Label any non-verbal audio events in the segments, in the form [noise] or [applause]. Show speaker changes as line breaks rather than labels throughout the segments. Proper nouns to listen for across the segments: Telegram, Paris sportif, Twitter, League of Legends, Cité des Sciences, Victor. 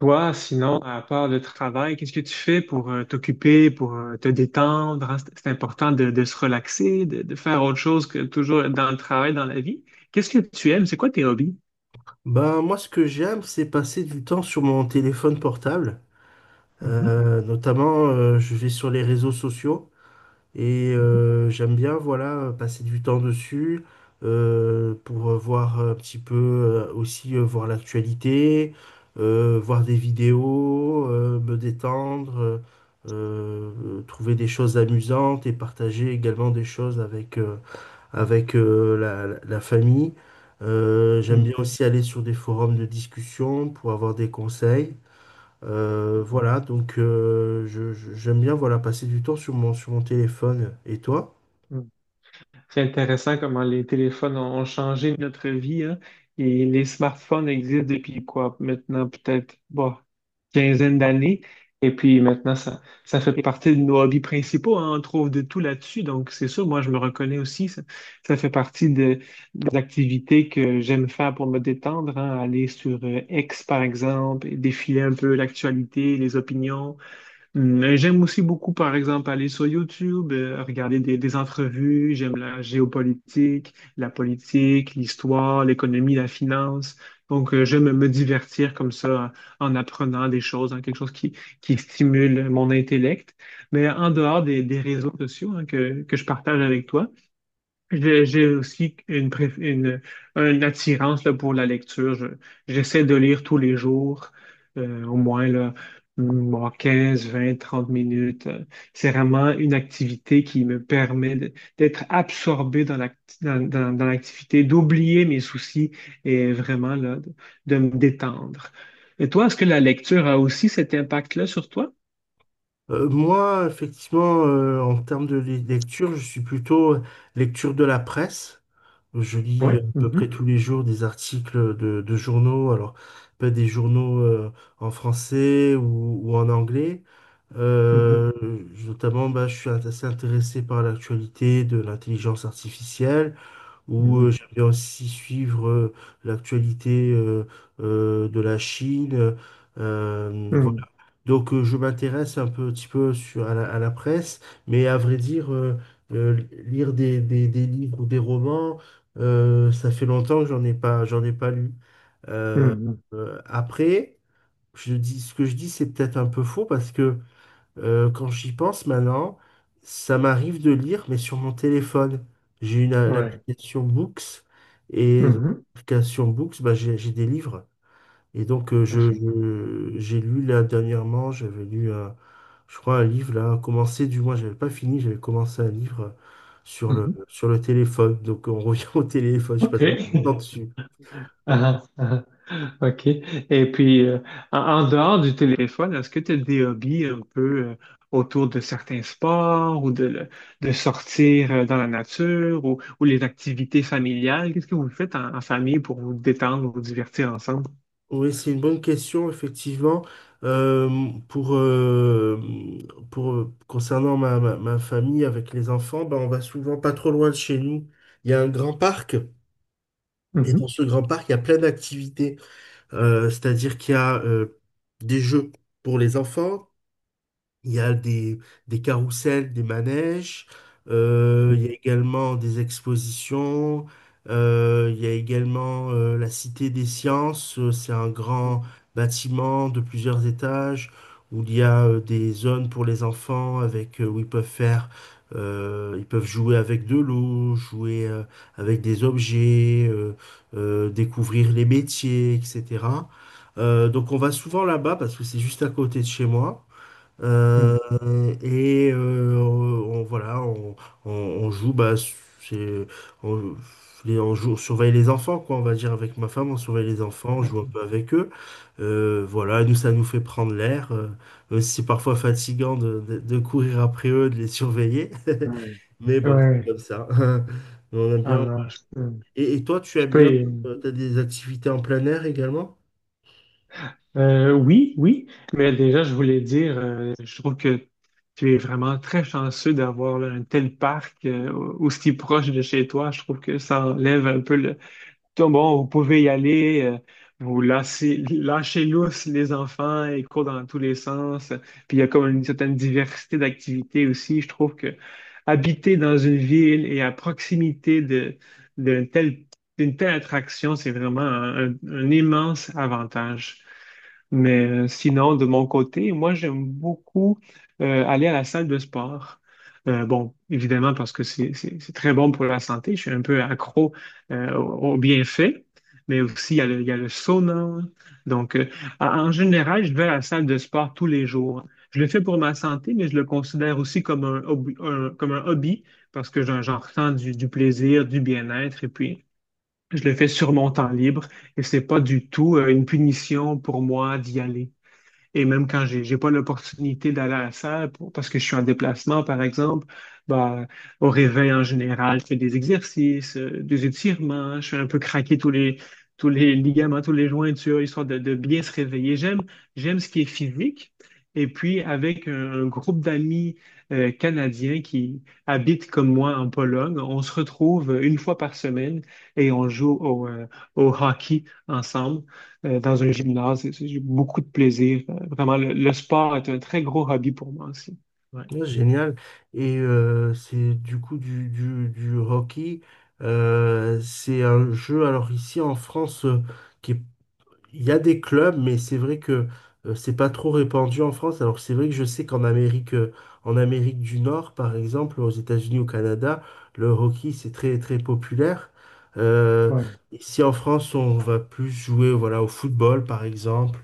Toi, sinon, à part le travail, qu'est-ce que tu fais pour t'occuper, pour te détendre? Hein? C'est important de se relaxer, de faire autre chose que toujours être dans le travail, dans la vie. Qu'est-ce que tu aimes? C'est quoi tes hobbies?
Ben, moi, ce que j'aime, c'est passer du temps sur mon téléphone portable.
Mhm,
Notamment, je vais sur les réseaux sociaux et
mhm,
j'aime bien, voilà, passer du temps dessus pour voir un petit peu aussi voir l'actualité, voir des vidéos, me détendre, trouver des choses amusantes et partager également des choses avec, avec la famille. J'aime bien
mhm,
aussi aller sur des forums de discussion pour avoir des conseils.
mhm,
Voilà, donc j'aime bien, voilà, passer du temps sur sur mon téléphone. Et toi?
mhm. C'est intéressant comment les téléphones ont changé notre vie, hein. Et les smartphones existent depuis quoi? Maintenant, peut-être, bon, quinzaine d'années. Et puis maintenant, ça fait partie de nos hobbies principaux, hein. On trouve de tout là-dessus. Donc, c'est sûr, moi, je me reconnais aussi. Ça fait partie de, des activités que j'aime faire pour me détendre, hein. Aller sur X, par exemple, et défiler un peu l'actualité, les opinions. Mm, et j'aime aussi beaucoup, par exemple, aller sur YouTube, regarder des entrevues. J'aime la géopolitique, la politique, l'histoire, l'économie, la finance. Donc, j'aime me divertir comme ça en apprenant des choses, hein, quelque chose qui stimule mon intellect. Mais en dehors des réseaux sociaux hein, que je partage avec toi, j'ai aussi une, une attirance là, pour la lecture. J'essaie de lire tous les jours, au moins là, mm, bon, 15 20 30 minutes. C'est vraiment une activité qui me permet d'être absorbé dans dans, dans l'activité, d'oublier mes soucis et vraiment là, de me détendre. Et toi, est-ce que la lecture a aussi cet impact-là sur toi?
Moi, effectivement, en termes de lecture, je suis plutôt lecture de la presse. Je lis
Oui.
à peu
Mhm,
près tous les jours des articles de journaux, alors pas des journaux en français ou en anglais.
mhm,
Euh, Notamment, bah, je suis assez intéressé par l'actualité de l'intelligence artificielle. Ou
mhm,
j'aime aussi suivre l'actualité de la Chine. Voilà. Donc je m'intéresse un petit peu sur, à à la presse, mais à vrai dire, euh, lire des, des livres ou des romans, ça fait longtemps que j'en ai pas lu. Euh,
mhm,
Après, je dis, ce que je dis, c'est peut-être un peu faux parce que quand j'y pense maintenant, ça m'arrive de lire, mais sur mon téléphone. J'ai
mhm, ouais.
l'application Books et dans
Mhm,
l'application Books, bah, j'ai des livres. Et donc,
mhm.
j'ai lu là dernièrement, je crois, un livre là, commencé, du moins, j'avais pas fini, j'avais commencé un livre
Mhm.
sur le téléphone. Donc, on revient [laughs] au téléphone, je passe beaucoup de temps
OK. [laughs]
dessus.
Ah, ah, ah, OK. Et puis, en, en dehors du téléphone, est-ce que tu as des hobbies un peu euh, autour de certains sports ou de, de sortir dans la nature ou les activités familiales? Qu'est-ce que vous faites en, en famille pour vous détendre, vous divertir ensemble?
Oui, c'est une bonne question, effectivement. Euh, pour, euh, pour, concernant ma famille avec les enfants, ben, on va souvent pas trop loin de chez nous. Il y a un grand parc, et
Mhm.
dans ce grand parc, il y a plein d'activités. C'est-à-dire qu'il y a des jeux pour les enfants, il y a des carrousels, des manèges, il y a également des expositions, il y a également la Cité des Sciences. C'est un grand bâtiment de plusieurs étages où il y a des zones pour les enfants avec, où ils peuvent faire, ils peuvent jouer avec de l'eau, jouer avec des objets, découvrir les métiers, etc. Donc on va souvent là-bas parce que c'est juste à côté de chez moi.
Mhm.
Euh, et on, voilà, on joue, on, on joue, on surveille les enfants, quoi, on va dire, avec ma femme, on surveille les enfants, on joue un peu avec eux. Voilà, nous, ça nous fait prendre l'air, même si c'est parfois fatigant de courir après eux, de les surveiller. [laughs]
Ouais,
Mais bon, c'est
ouais.
comme ça. [laughs] On aime
Ah
bien.
non,
Et toi, tu
je
aimes bien,
peux,
t'as des activités en plein air également?
Oui, oui, mais déjà, je voulais dire, je trouve que tu es vraiment très chanceux d'avoir là, un tel parc aussi proche de chez toi. Je trouve que ça enlève un peu le... Tout, bon, vous pouvez y aller, vous lâchez, lâchez lousse les enfants, ils courent dans tous les sens. Puis il y a comme une certaine diversité d'activités aussi. Je trouve que habiter dans une ville et à proximité de, d'un tel, d'une telle attraction, c'est vraiment un immense avantage. Mais sinon, de mon côté, moi, j'aime beaucoup aller à la salle de sport. Bon, évidemment, parce que c'est très bon pour la santé. Je suis un peu accro aux bienfaits. Mais aussi, il y a le, il y a le sauna. Donc, en général, je vais à la salle de sport tous les jours. Je le fais pour ma santé, mais je le considère aussi comme un, comme un hobby parce que j'en ressens du plaisir, du bien-être. Et puis, je le fais sur mon temps libre et c'est pas du tout une punition pour moi d'y aller. Et même quand j'ai pas l'opportunité d'aller à la salle parce que je suis en déplacement, par exemple, bah, au réveil en général, je fais des exercices, des étirements, je fais un peu craquer tous les ligaments, tous les jointures, histoire de bien se réveiller. J'aime, j'aime ce qui est physique. Et puis, avec un groupe d'amis canadiens qui habitent comme moi en Pologne, on se retrouve une fois par semaine et on joue au, au hockey ensemble dans un gymnase. J'ai beaucoup de plaisir. Vraiment, le sport est un très gros hobby pour moi aussi. Ouais.
Ouais, génial. Et c'est du coup du hockey. C'est un jeu, alors ici en France, qui est, il y a des clubs, mais c'est vrai que c'est pas trop répandu en France. Alors que c'est vrai que je sais qu'en Amérique, en Amérique du Nord, par exemple, aux États-Unis, au Canada, le hockey, c'est très très populaire. Euh,
Ouais,
Ici en France, on va plus jouer, voilà, au football, par exemple,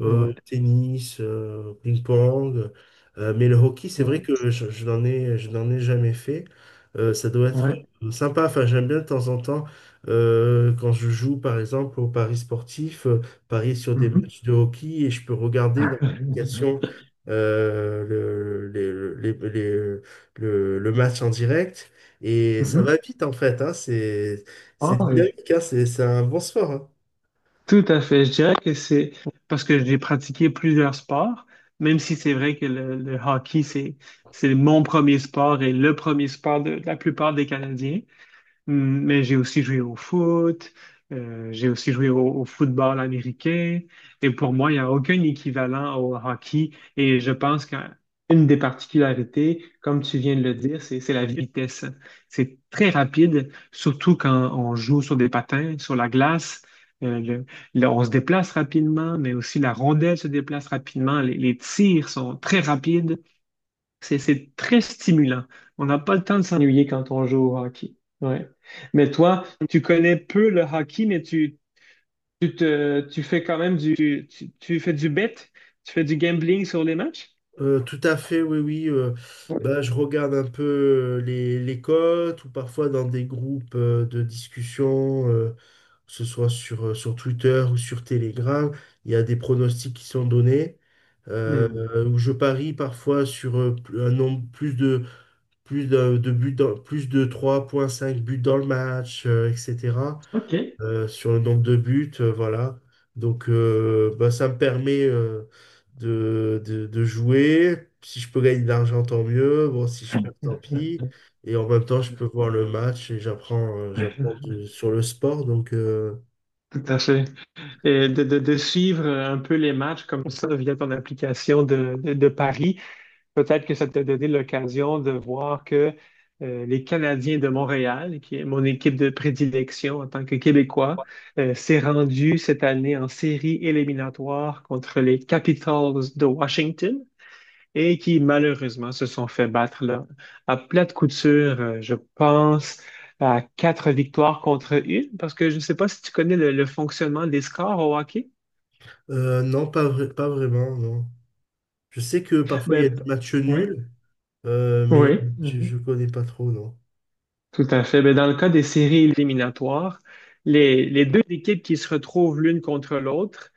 au
ouais,
tennis, au ping-pong. Mais le hockey, c'est vrai
ouais,
que je n'en ai jamais fait. Ça doit être
ouais.
sympa. Enfin, j'aime bien de temps en temps quand je joue, par exemple, au Paris sportif, parier sur des
Mhm.
matchs de hockey, et je peux regarder dans l'application
[laughs]
le, les- le match en direct. Et ça
Mhm.
va vite en fait, hein. C'est
Ah oui,
dynamique, hein. C'est un bon sport, hein.
tout à fait. Je dirais que c'est parce que j'ai pratiqué plusieurs sports, même si c'est vrai que le hockey, c'est mon premier sport et le premier sport de la plupart des Canadiens. Mais j'ai aussi joué au foot, j'ai aussi joué au, au football américain. Et pour moi, il n'y a aucun équivalent au hockey. Et je pense qu'une des particularités, comme tu viens de le dire, c'est la vitesse. C'est très rapide, surtout quand on joue sur des patins, sur la glace. Euh, le- on se déplace rapidement, mais aussi la rondelle se déplace rapidement. Les tirs sont très rapides. C'est très stimulant. On n'a pas le temps de s'ennuyer quand on joue au hockey. Ouais. Mais toi, tu connais peu le hockey, mais tu te, tu fais quand même du, tu fais du bet, tu fais du gambling sur les matchs?
Tout à fait, oui, oui.
Oui.
Bah, je regarde un peu les cotes, ou parfois dans des groupes de discussion, que ce soit sur, sur Twitter ou sur Telegram, il y a des pronostics qui sont donnés. Euh,
Hmm.
Où je parie parfois sur un nombre plus de 3,5 buts dans le match, etc.
OK.
Sur le nombre de buts, voilà. Donc bah, ça me permet de jouer. Si je peux gagner de l'argent, tant mieux. Bon, si je perds, tant pis. Et en même temps, je peux voir le match et j'apprends sur le sport. Donc, euh.
Tout à fait. Et de, de suivre un peu les matchs comme ça via ton application de paris. Peut-être que ça t'a donné l'occasion de voir que les Canadiens de Montréal, qui est mon équipe de prédilection en tant que Québécois, s'est rendu cette année en série éliminatoire contre les Capitals de Washington et qui malheureusement se sont fait battre là, à plate couture, je pense, à quatre victoires contre une, parce que je ne sais pas si tu connais le fonctionnement des scores au hockey.
Non, pas vraiment, non. Je sais que parfois il y a
Ben,
des matchs
ouais.
nuls, mais
Oui. Oui.
je connais pas trop, non.
Tout à fait. Ben, dans le cas des séries éliminatoires, les deux équipes qui se retrouvent l'une contre l'autre,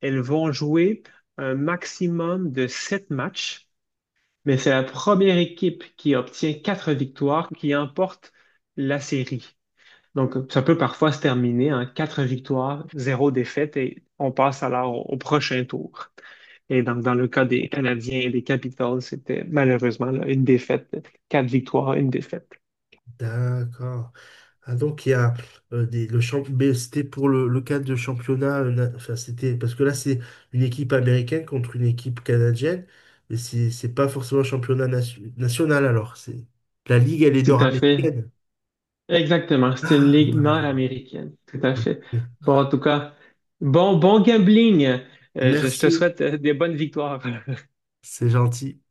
elles vont jouer un maximum de 7 matchs, mais c'est la première équipe qui obtient 4 victoires qui emporte la série. Donc, ça peut parfois se terminer en 4 victoires, 0 défaite, et on passe alors au, au prochain tour. Et donc, dans le cas des Canadiens et des Capitals, c'était malheureusement là, une défaite, 4 victoires, une défaite.
D'accord. Ah, donc il y a le champ, mais c'était pour le cadre de championnat, enfin, c'était parce que là c'est une équipe américaine contre une équipe canadienne, mais c'est pas forcément un championnat national alors. C'est la ligue, elle est
Tout à fait.
nord-américaine.
Exactement. C'est une
Ah,
ligue
voilà.
nord-américaine. Tout à
Ok.
fait. Bon, en tout cas, bon, bon gambling. Je te
Merci,
souhaite des bonnes victoires.
c'est gentil.